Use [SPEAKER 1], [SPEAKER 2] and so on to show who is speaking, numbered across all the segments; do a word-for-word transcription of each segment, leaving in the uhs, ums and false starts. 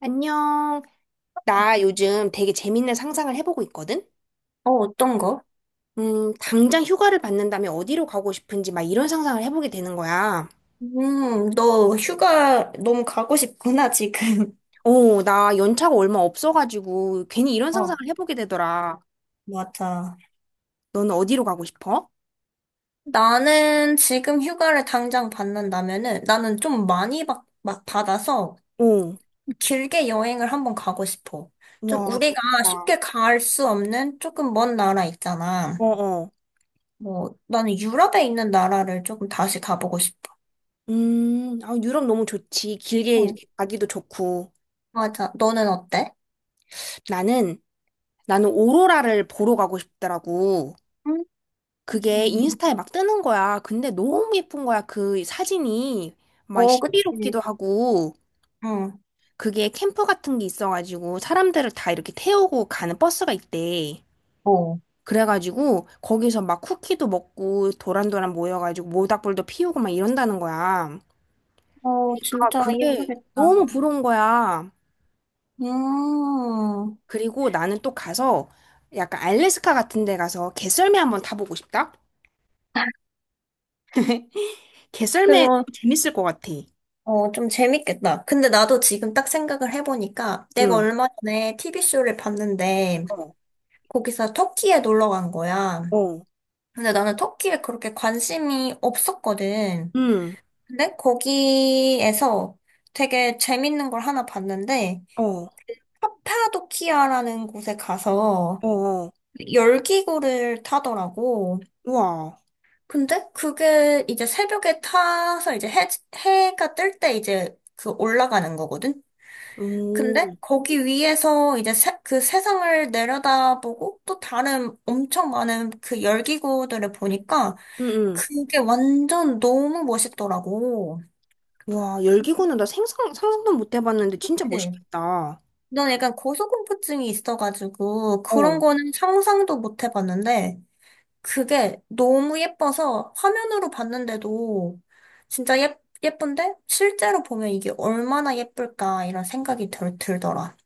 [SPEAKER 1] 안녕. 나 요즘 되게 재밌는 상상을 해보고 있거든?
[SPEAKER 2] 어, 어떤 거?
[SPEAKER 1] 음, 당장 휴가를 받는다면 어디로 가고 싶은지 막 이런 상상을 해보게 되는 거야.
[SPEAKER 2] 음, 너 휴가 너무 가고 싶구나, 지금.
[SPEAKER 1] 어, 나 연차가 얼마 없어가지고 괜히 이런 상상을
[SPEAKER 2] 어,
[SPEAKER 1] 해보게 되더라.
[SPEAKER 2] 맞아.
[SPEAKER 1] 너는 어디로 가고 싶어?
[SPEAKER 2] 나는 지금 휴가를 당장 받는다면은 나는 좀 많이 받, 막 받아서
[SPEAKER 1] 어,
[SPEAKER 2] 길게 여행을 한번 가고 싶어. 좀
[SPEAKER 1] 와,
[SPEAKER 2] 우리가
[SPEAKER 1] 좋겠다.
[SPEAKER 2] 쉽게 갈 수 없는 조금 먼 나라 있잖아.
[SPEAKER 1] 어어.
[SPEAKER 2] 뭐, 나는 유럽에 있는 나라를 조금 다시 가보고 싶어.
[SPEAKER 1] 음, 아, 유럽 너무 좋지. 길게
[SPEAKER 2] 응,
[SPEAKER 1] 이렇게 가기도 좋고.
[SPEAKER 2] 맞아. 너는 어때?
[SPEAKER 1] 나는, 나는 오로라를 보러 가고 싶더라고.
[SPEAKER 2] 음.
[SPEAKER 1] 그게 인스타에 막 뜨는 거야. 근데 너무 예쁜 거야. 그 사진이 막
[SPEAKER 2] 어,
[SPEAKER 1] 신비롭기도
[SPEAKER 2] 그치.
[SPEAKER 1] 하고
[SPEAKER 2] 응.
[SPEAKER 1] 그게 캠프 같은 게 있어가지고 사람들을 다 이렇게 태우고 가는 버스가 있대.
[SPEAKER 2] 어,
[SPEAKER 1] 그래가지고 거기서 막 쿠키도 먹고 도란도란 모여가지고 모닥불도 피우고 막 이런다는 거야.
[SPEAKER 2] 어,
[SPEAKER 1] 그러니까
[SPEAKER 2] 진짜
[SPEAKER 1] 그게
[SPEAKER 2] 예쁘겠다.
[SPEAKER 1] 너무 부러운 거야.
[SPEAKER 2] 음,
[SPEAKER 1] 그리고 나는 또 가서 약간 알래스카 같은 데 가서 개썰매 한번 타보고 싶다. 개썰매
[SPEAKER 2] 그거,
[SPEAKER 1] 재밌을 것 같아.
[SPEAKER 2] 어, 좀 재밌겠다. 근데 나도 지금 딱 생각을 해보니까 내가
[SPEAKER 1] 응.
[SPEAKER 2] 얼마 전에 티비쇼를 봤는데
[SPEAKER 1] 어.
[SPEAKER 2] 거기서 터키에 놀러 간 거야.
[SPEAKER 1] 어.
[SPEAKER 2] 근데 나는 터키에 그렇게 관심이 없었거든.
[SPEAKER 1] 응,
[SPEAKER 2] 근데 거기에서 되게 재밌는 걸 하나 봤는데
[SPEAKER 1] 어,
[SPEAKER 2] 카파도키아라는 곳에 가서
[SPEAKER 1] 어, 어.
[SPEAKER 2] 열기구를 타더라고.
[SPEAKER 1] 우와,
[SPEAKER 2] 근데 그게 이제 새벽에 타서 이제 해, 해가 뜰 때 이제 그 올라가는 거거든?
[SPEAKER 1] 오,
[SPEAKER 2] 근데
[SPEAKER 1] 응,
[SPEAKER 2] 거기 위에서 이제 세, 그 세상을 내려다보고 또 다른 엄청 많은 그 열기구들을 보니까
[SPEAKER 1] 응.
[SPEAKER 2] 그게 완전 너무 멋있더라고.
[SPEAKER 1] 와, 열기구는 나 생상, 상상도 못 해봤는데 진짜
[SPEAKER 2] 네.
[SPEAKER 1] 멋있겠다.
[SPEAKER 2] 난 약간 고소공포증이 있어가지고 그런
[SPEAKER 1] 어,
[SPEAKER 2] 거는 상상도 못 해봤는데 그게 너무 예뻐서 화면으로 봤는데도 진짜 예, 예쁜데 실제로 보면 이게 얼마나 예쁠까 이런 생각이 들, 들더라.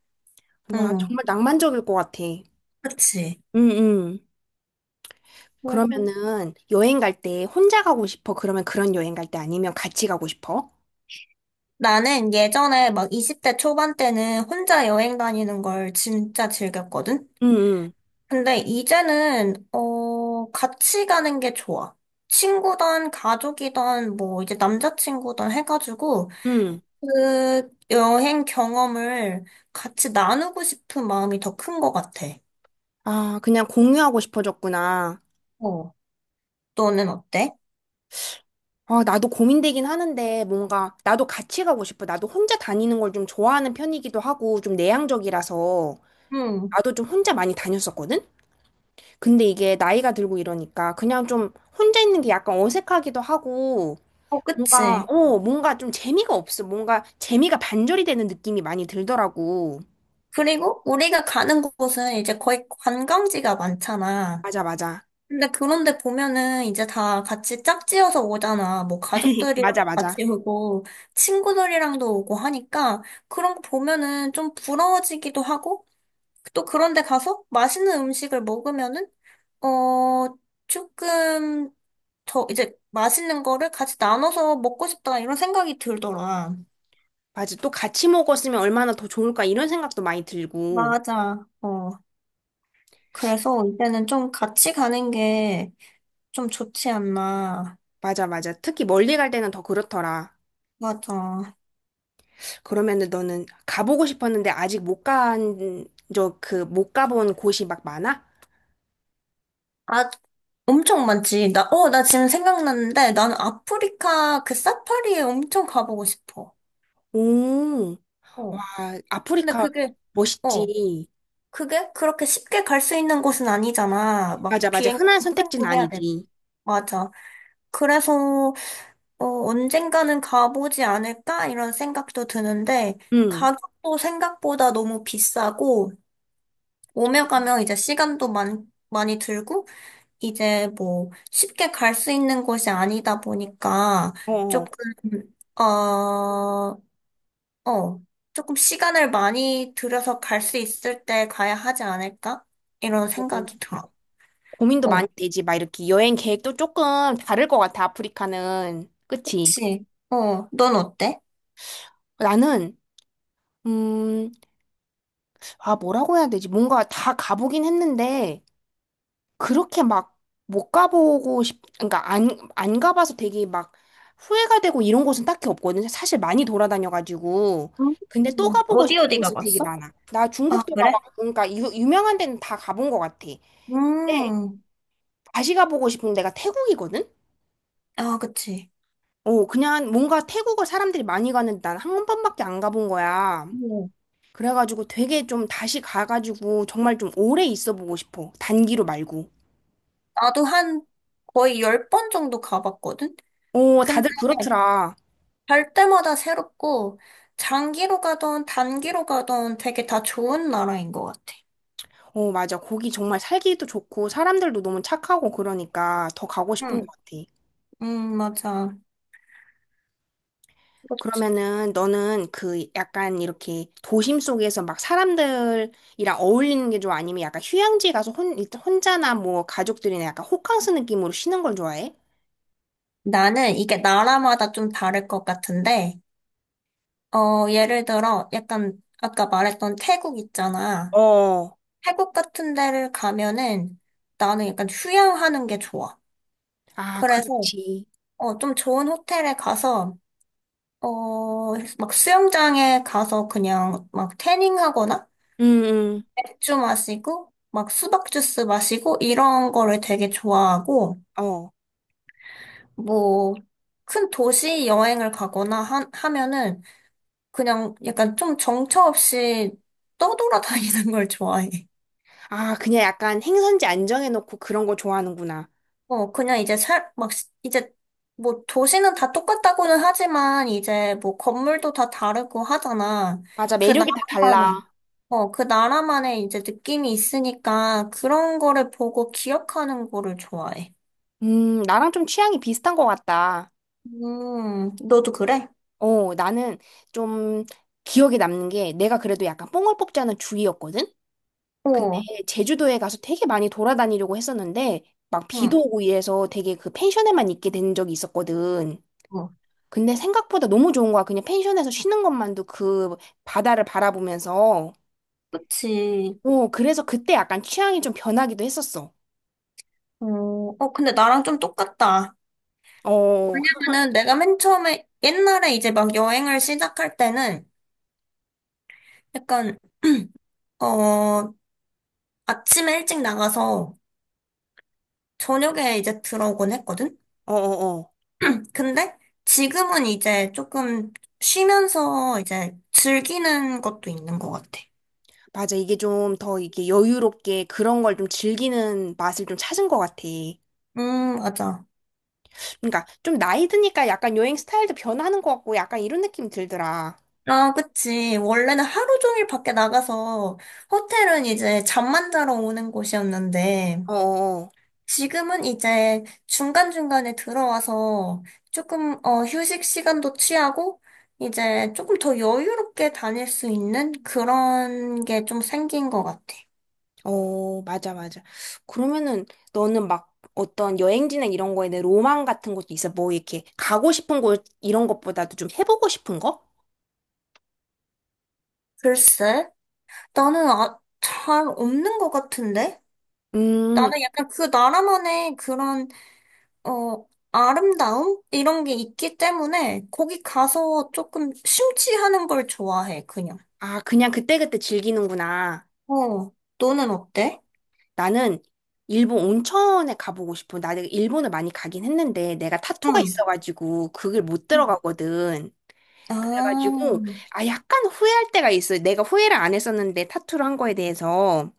[SPEAKER 1] 와,
[SPEAKER 2] 응,
[SPEAKER 1] 정말 낭만적일 것 같아.
[SPEAKER 2] 그치.
[SPEAKER 1] 응, 응.
[SPEAKER 2] 그래서
[SPEAKER 1] 그러면은 여행 갈 때 혼자 가고 싶어? 그러면 그런 여행 갈 때 아니면 같이 가고 싶어?
[SPEAKER 2] 나는 예전에 막 이십 대 초반 때는 혼자 여행 다니는 걸 진짜 즐겼거든?
[SPEAKER 1] 응, 응,
[SPEAKER 2] 근데 이제는, 어, 같이 가는 게 좋아. 친구든 가족이든 뭐 이제 남자친구든 해가지고
[SPEAKER 1] 응.
[SPEAKER 2] 그 여행 경험을 같이 나누고 싶은 마음이 더 큰 것 같아.
[SPEAKER 1] 아, 그냥 공유하고 싶어졌구나.
[SPEAKER 2] 어. 너는 어때?
[SPEAKER 1] 아, 나도 고민되긴 하는데 뭔가 나도 같이 가고 싶어. 나도 혼자 다니는 걸 좀 좋아하는 편이기도 하고 좀 내향적이라서.
[SPEAKER 2] 응.
[SPEAKER 1] 나도 좀 혼자 많이 다녔었거든? 근데 이게 나이가 들고 이러니까 그냥 좀 혼자 있는 게 약간 어색하기도 하고
[SPEAKER 2] 어,
[SPEAKER 1] 뭔가,
[SPEAKER 2] 그치.
[SPEAKER 1] 어, 뭔가 좀 재미가 없어. 뭔가 재미가 반절이 되는 느낌이 많이 들더라고.
[SPEAKER 2] 그리고 우리가 가는 곳은 이제 거의 관광지가 많잖아.
[SPEAKER 1] 맞아, 맞아.
[SPEAKER 2] 근데 그런데 보면은 이제 다 같이 짝지어서 오잖아. 뭐 가족들이랑
[SPEAKER 1] 맞아, 맞아.
[SPEAKER 2] 같이 오고 친구들이랑도 오고 하니까 그런 거 보면은 좀 부러워지기도 하고 또 그런데 가서 맛있는 음식을 먹으면은 어, 조금 저 이제 맛있는 거를 같이 나눠서 먹고 싶다 이런 생각이 들더라.
[SPEAKER 1] 맞아. 또 같이 먹었으면 얼마나 더 좋을까 이런 생각도 많이 들고.
[SPEAKER 2] 맞아. 어. 그래서 이제는 좀 같이 가는 게 좀 좋지 않나.
[SPEAKER 1] 맞아, 맞아. 특히 멀리 갈 때는 더 그렇더라.
[SPEAKER 2] 맞아.
[SPEAKER 1] 그러면은 너는 가보고 싶었는데 아직 못 간, 저 그 못 가본 곳이 막 많아?
[SPEAKER 2] 아, 엄청 많지. 나, 어, 나 지금 생각났는데 나는 아프리카 그 사파리에 엄청 가보고 싶어.
[SPEAKER 1] 오. 와,
[SPEAKER 2] 어. 근데
[SPEAKER 1] 아프리카
[SPEAKER 2] 그게, 어,
[SPEAKER 1] 멋있지.
[SPEAKER 2] 그게 그렇게 쉽게 갈 수 있는 곳은 아니잖아. 막
[SPEAKER 1] 맞아, 맞아.
[SPEAKER 2] 비행,
[SPEAKER 1] 흔한 선택지는
[SPEAKER 2] 거 해야 돼.
[SPEAKER 1] 아니지.
[SPEAKER 2] 맞아. 그래서 어, 언젠가는 가보지 않을까? 이런 생각도 드는데,
[SPEAKER 1] 응.
[SPEAKER 2] 가격도 생각보다 너무 비싸고, 오며 가며 이제 시간도 많, 많이 들고, 이제 뭐 쉽게 갈 수 있는 곳이 아니다 보니까,
[SPEAKER 1] 어, 어.
[SPEAKER 2] 조금, 어, 어, 조금 시간을 많이 들여서 갈 수 있을 때 가야 하지 않을까? 이런 생각이 들어.
[SPEAKER 1] 고민도 많이
[SPEAKER 2] 어,
[SPEAKER 1] 되지. 막 이렇게 여행 계획도 조금 다를 것 같아, 아프리카는. 그치?
[SPEAKER 2] 그치. 어, 넌 어때?
[SPEAKER 1] 나는, 음, 아, 뭐라고 해야 되지? 뭔가 다 가보긴 했는데, 그렇게 막 못 가보고 싶, 그러니까 안, 안 가봐서 되게 막 후회가 되고 이런 곳은 딱히 없거든요. 사실 많이 돌아다녀가지고.
[SPEAKER 2] 음,
[SPEAKER 1] 근데 또 가보고
[SPEAKER 2] 어디
[SPEAKER 1] 싶은
[SPEAKER 2] 어디
[SPEAKER 1] 곳은 되게
[SPEAKER 2] 가봤어?
[SPEAKER 1] 많아. 나
[SPEAKER 2] 아,
[SPEAKER 1] 중국도
[SPEAKER 2] 그래?
[SPEAKER 1] 가봤고, 그러니까 유, 유명한 데는 다 가본 것 같아. 근데
[SPEAKER 2] 음.
[SPEAKER 1] 다시 가보고 싶은 데가 태국이거든?
[SPEAKER 2] 아, 그치.
[SPEAKER 1] 어, 그냥 뭔가 태국을 사람들이 많이 가는데 난 한 번밖에 안 가본 거야.
[SPEAKER 2] 음.
[SPEAKER 1] 그래가지고 되게 좀 다시 가가지고 정말 좀 오래 있어 보고 싶어. 단기로 말고.
[SPEAKER 2] 나도 한 거의 열 번 정도 가봤거든?
[SPEAKER 1] 어,
[SPEAKER 2] 근데
[SPEAKER 1] 다들 그렇더라.
[SPEAKER 2] 갈 때마다 새롭고, 장기로 가던 단기로 가던 되게 다 좋은 나라인 것 같아.
[SPEAKER 1] 어, 맞아. 거기 정말 살기도 좋고 사람들도 너무 착하고 그러니까 더 가고 싶은
[SPEAKER 2] 응,
[SPEAKER 1] 것 같아.
[SPEAKER 2] 음, 맞아.
[SPEAKER 1] 그러면은 너는 그 약간 이렇게 도심 속에서 막 사람들이랑 어울리는 게 좋아? 아니면 약간 휴양지 가서 혼, 혼자나 뭐 가족들이나 약간 호캉스 느낌으로 쉬는 걸 좋아해?
[SPEAKER 2] 나는 이게 나라마다 좀 다를 것 같은데, 어, 예를 들어, 약간, 아까 말했던 태국 있잖아.
[SPEAKER 1] 어.
[SPEAKER 2] 태국 같은 데를 가면은 나는 약간 휴양하는 게 좋아.
[SPEAKER 1] 아,
[SPEAKER 2] 그래서,
[SPEAKER 1] 그렇지.
[SPEAKER 2] 어, 좀 좋은 호텔에 가서 어, 막 수영장에 가서 그냥 막 태닝 하거나
[SPEAKER 1] 응, 응.
[SPEAKER 2] 맥주 마시고 막 수박 주스 마시고 이런 거를 되게 좋아하고
[SPEAKER 1] 어.
[SPEAKER 2] 뭐 큰 도시 여행을 가거나 하, 하면은 그냥 약간 좀 정처 없이 떠돌아다니는 걸 좋아해.
[SPEAKER 1] 아, 그냥 약간 행선지 안정해놓고 그런 거 좋아하는구나.
[SPEAKER 2] 어, 그냥 이제 살, 막, 시- 이제, 뭐, 도시는 다 똑같다고는 하지만, 이제, 뭐, 건물도 다 다르고 하잖아.
[SPEAKER 1] 맞아.
[SPEAKER 2] 그
[SPEAKER 1] 매력이 다
[SPEAKER 2] 나라만의,
[SPEAKER 1] 달라.
[SPEAKER 2] 어, 그 나라만의 이제 느낌이 있으니까, 그런 거를 보고 기억하는 거를 좋아해.
[SPEAKER 1] 음, 나랑 좀 취향이 비슷한 것 같다.
[SPEAKER 2] 음, 너도 그래?
[SPEAKER 1] 어, 나는 좀 기억에 남는 게 내가 그래도 약간 뽕을 뽑자는 주의였거든? 근데
[SPEAKER 2] 어,
[SPEAKER 1] 제주도에 가서 되게 많이 돌아다니려고 했었는데 막
[SPEAKER 2] 응,
[SPEAKER 1] 비도 오고 이래서 되게 그 펜션에만 있게 된 적이 있었거든.
[SPEAKER 2] 어,
[SPEAKER 1] 근데 생각보다 너무 좋은 거야. 그냥 펜션에서 쉬는 것만도 그 바다를 바라보면서.
[SPEAKER 2] 그치.
[SPEAKER 1] 어, 그래서 그때 약간 취향이 좀 변하기도 했었어.
[SPEAKER 2] 어, 어, 근데 나랑 좀 똑같다.
[SPEAKER 1] 어, 어,
[SPEAKER 2] 왜냐면은 내가 맨 처음에, 옛날에 이제 막 여행을 시작할 때는, 약간, 어, 아침에 일찍 나가서, 저녁에 이제 들어오곤 했거든?
[SPEAKER 1] 어, 어.
[SPEAKER 2] 근데 지금은 이제 조금 쉬면서 이제 즐기는 것도 있는 것 같아.
[SPEAKER 1] 맞아. 이게 좀 더 이게 여유롭게 그런 걸 좀 즐기는 맛을 좀 찾은 것 같아.
[SPEAKER 2] 음, 맞아.
[SPEAKER 1] 그러니까 좀 나이 드니까 약간 여행 스타일도 변하는 것 같고 약간 이런 느낌이 들더라.
[SPEAKER 2] 아, 그치. 원래는 하루 종일 밖에 나가서 호텔은 이제 잠만 자러 오는 곳이었는데
[SPEAKER 1] 어, 어,
[SPEAKER 2] 지금은 이제 중간중간에 들어와서 조금, 어, 휴식 시간도 취하고 이제 조금 더 여유롭게 다닐 수 있는 그런 게 좀 생긴 것 같아.
[SPEAKER 1] 어, 맞아, 맞아. 그러면은 너는 막 어떤 여행지나 이런 거에 내 로망 같은 것도 있어? 뭐 이렇게 가고 싶은 곳 이런 것보다도 좀 해보고 싶은 거?
[SPEAKER 2] 글쎄. 나는 아, 잘 없는 것 같은데?
[SPEAKER 1] 음,
[SPEAKER 2] 나는 약간 그 나라만의 그런, 어, 아름다움? 이런 게 있기 때문에 거기 가서 조금 심취하는 걸 좋아해, 그냥.
[SPEAKER 1] 아, 그냥 그때그때 즐기는구나.
[SPEAKER 2] 어, 너는 어때?
[SPEAKER 1] 나는 일본 온천에 가보고 싶어. 나 내가 일본을 많이 가긴 했는데 내가 타투가
[SPEAKER 2] 응.
[SPEAKER 1] 있어가지고 그걸 못
[SPEAKER 2] 응.
[SPEAKER 1] 들어가거든.
[SPEAKER 2] 아,
[SPEAKER 1] 그래가지고 아 약간 후회할 때가 있어요. 내가 후회를 안 했었는데 타투를 한 거에 대해서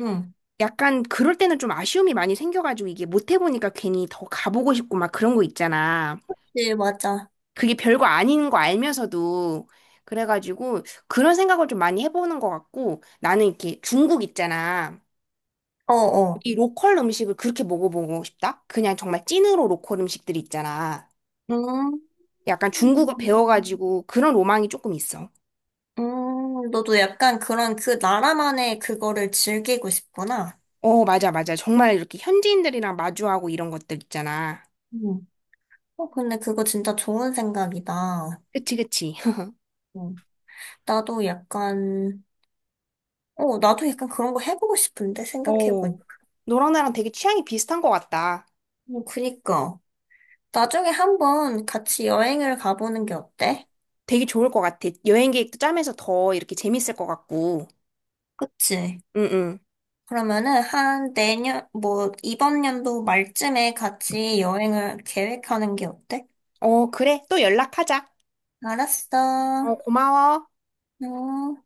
[SPEAKER 2] 응.
[SPEAKER 1] 약간 그럴 때는 좀 아쉬움이 많이 생겨가지고 이게 못 해보니까 괜히 더 가보고 싶고 막 그런 거 있잖아.
[SPEAKER 2] 네, 맞아.
[SPEAKER 1] 그게 별거 아닌 거 알면서도 그래가지고 그런 생각을 좀 많이 해보는 것 같고 나는 이렇게 중국 있잖아.
[SPEAKER 2] 어어.
[SPEAKER 1] 이 로컬 음식을 그렇게 먹어보고 싶다? 그냥 정말 찐으로 로컬 음식들이 있잖아.
[SPEAKER 2] 음,
[SPEAKER 1] 약간 중국어 배워가지고 그런 로망이 조금 있어.
[SPEAKER 2] 음, 너도 약간 그런 그 나라만의 그거를 즐기고 싶구나.
[SPEAKER 1] 어, 맞아, 맞아. 정말 이렇게 현지인들이랑 마주하고 이런 것들 있잖아.
[SPEAKER 2] 응. 어, 근데 그거 진짜 좋은 생각이다.
[SPEAKER 1] 그치, 그치.
[SPEAKER 2] 응. 나도 약간, 어, 나도 약간 그런 거 해보고 싶은데, 생각해보니.
[SPEAKER 1] 어. 너랑 나랑 되게 취향이 비슷한 것 같다.
[SPEAKER 2] 뭐, 그니까. 나중에 한번 같이 여행을 가보는 게 어때?
[SPEAKER 1] 되게 좋을 것 같아. 여행 계획도 짜면서 더 이렇게 재밌을 것 같고.
[SPEAKER 2] 그치?
[SPEAKER 1] 응, 응.
[SPEAKER 2] 그러면은 한 내년, 뭐, 이번 연도 말쯤에 같이 여행을 계획하는 게 어때?
[SPEAKER 1] 어, 그래. 또 연락하자.
[SPEAKER 2] 알았어.
[SPEAKER 1] 어, 고마워.
[SPEAKER 2] 응.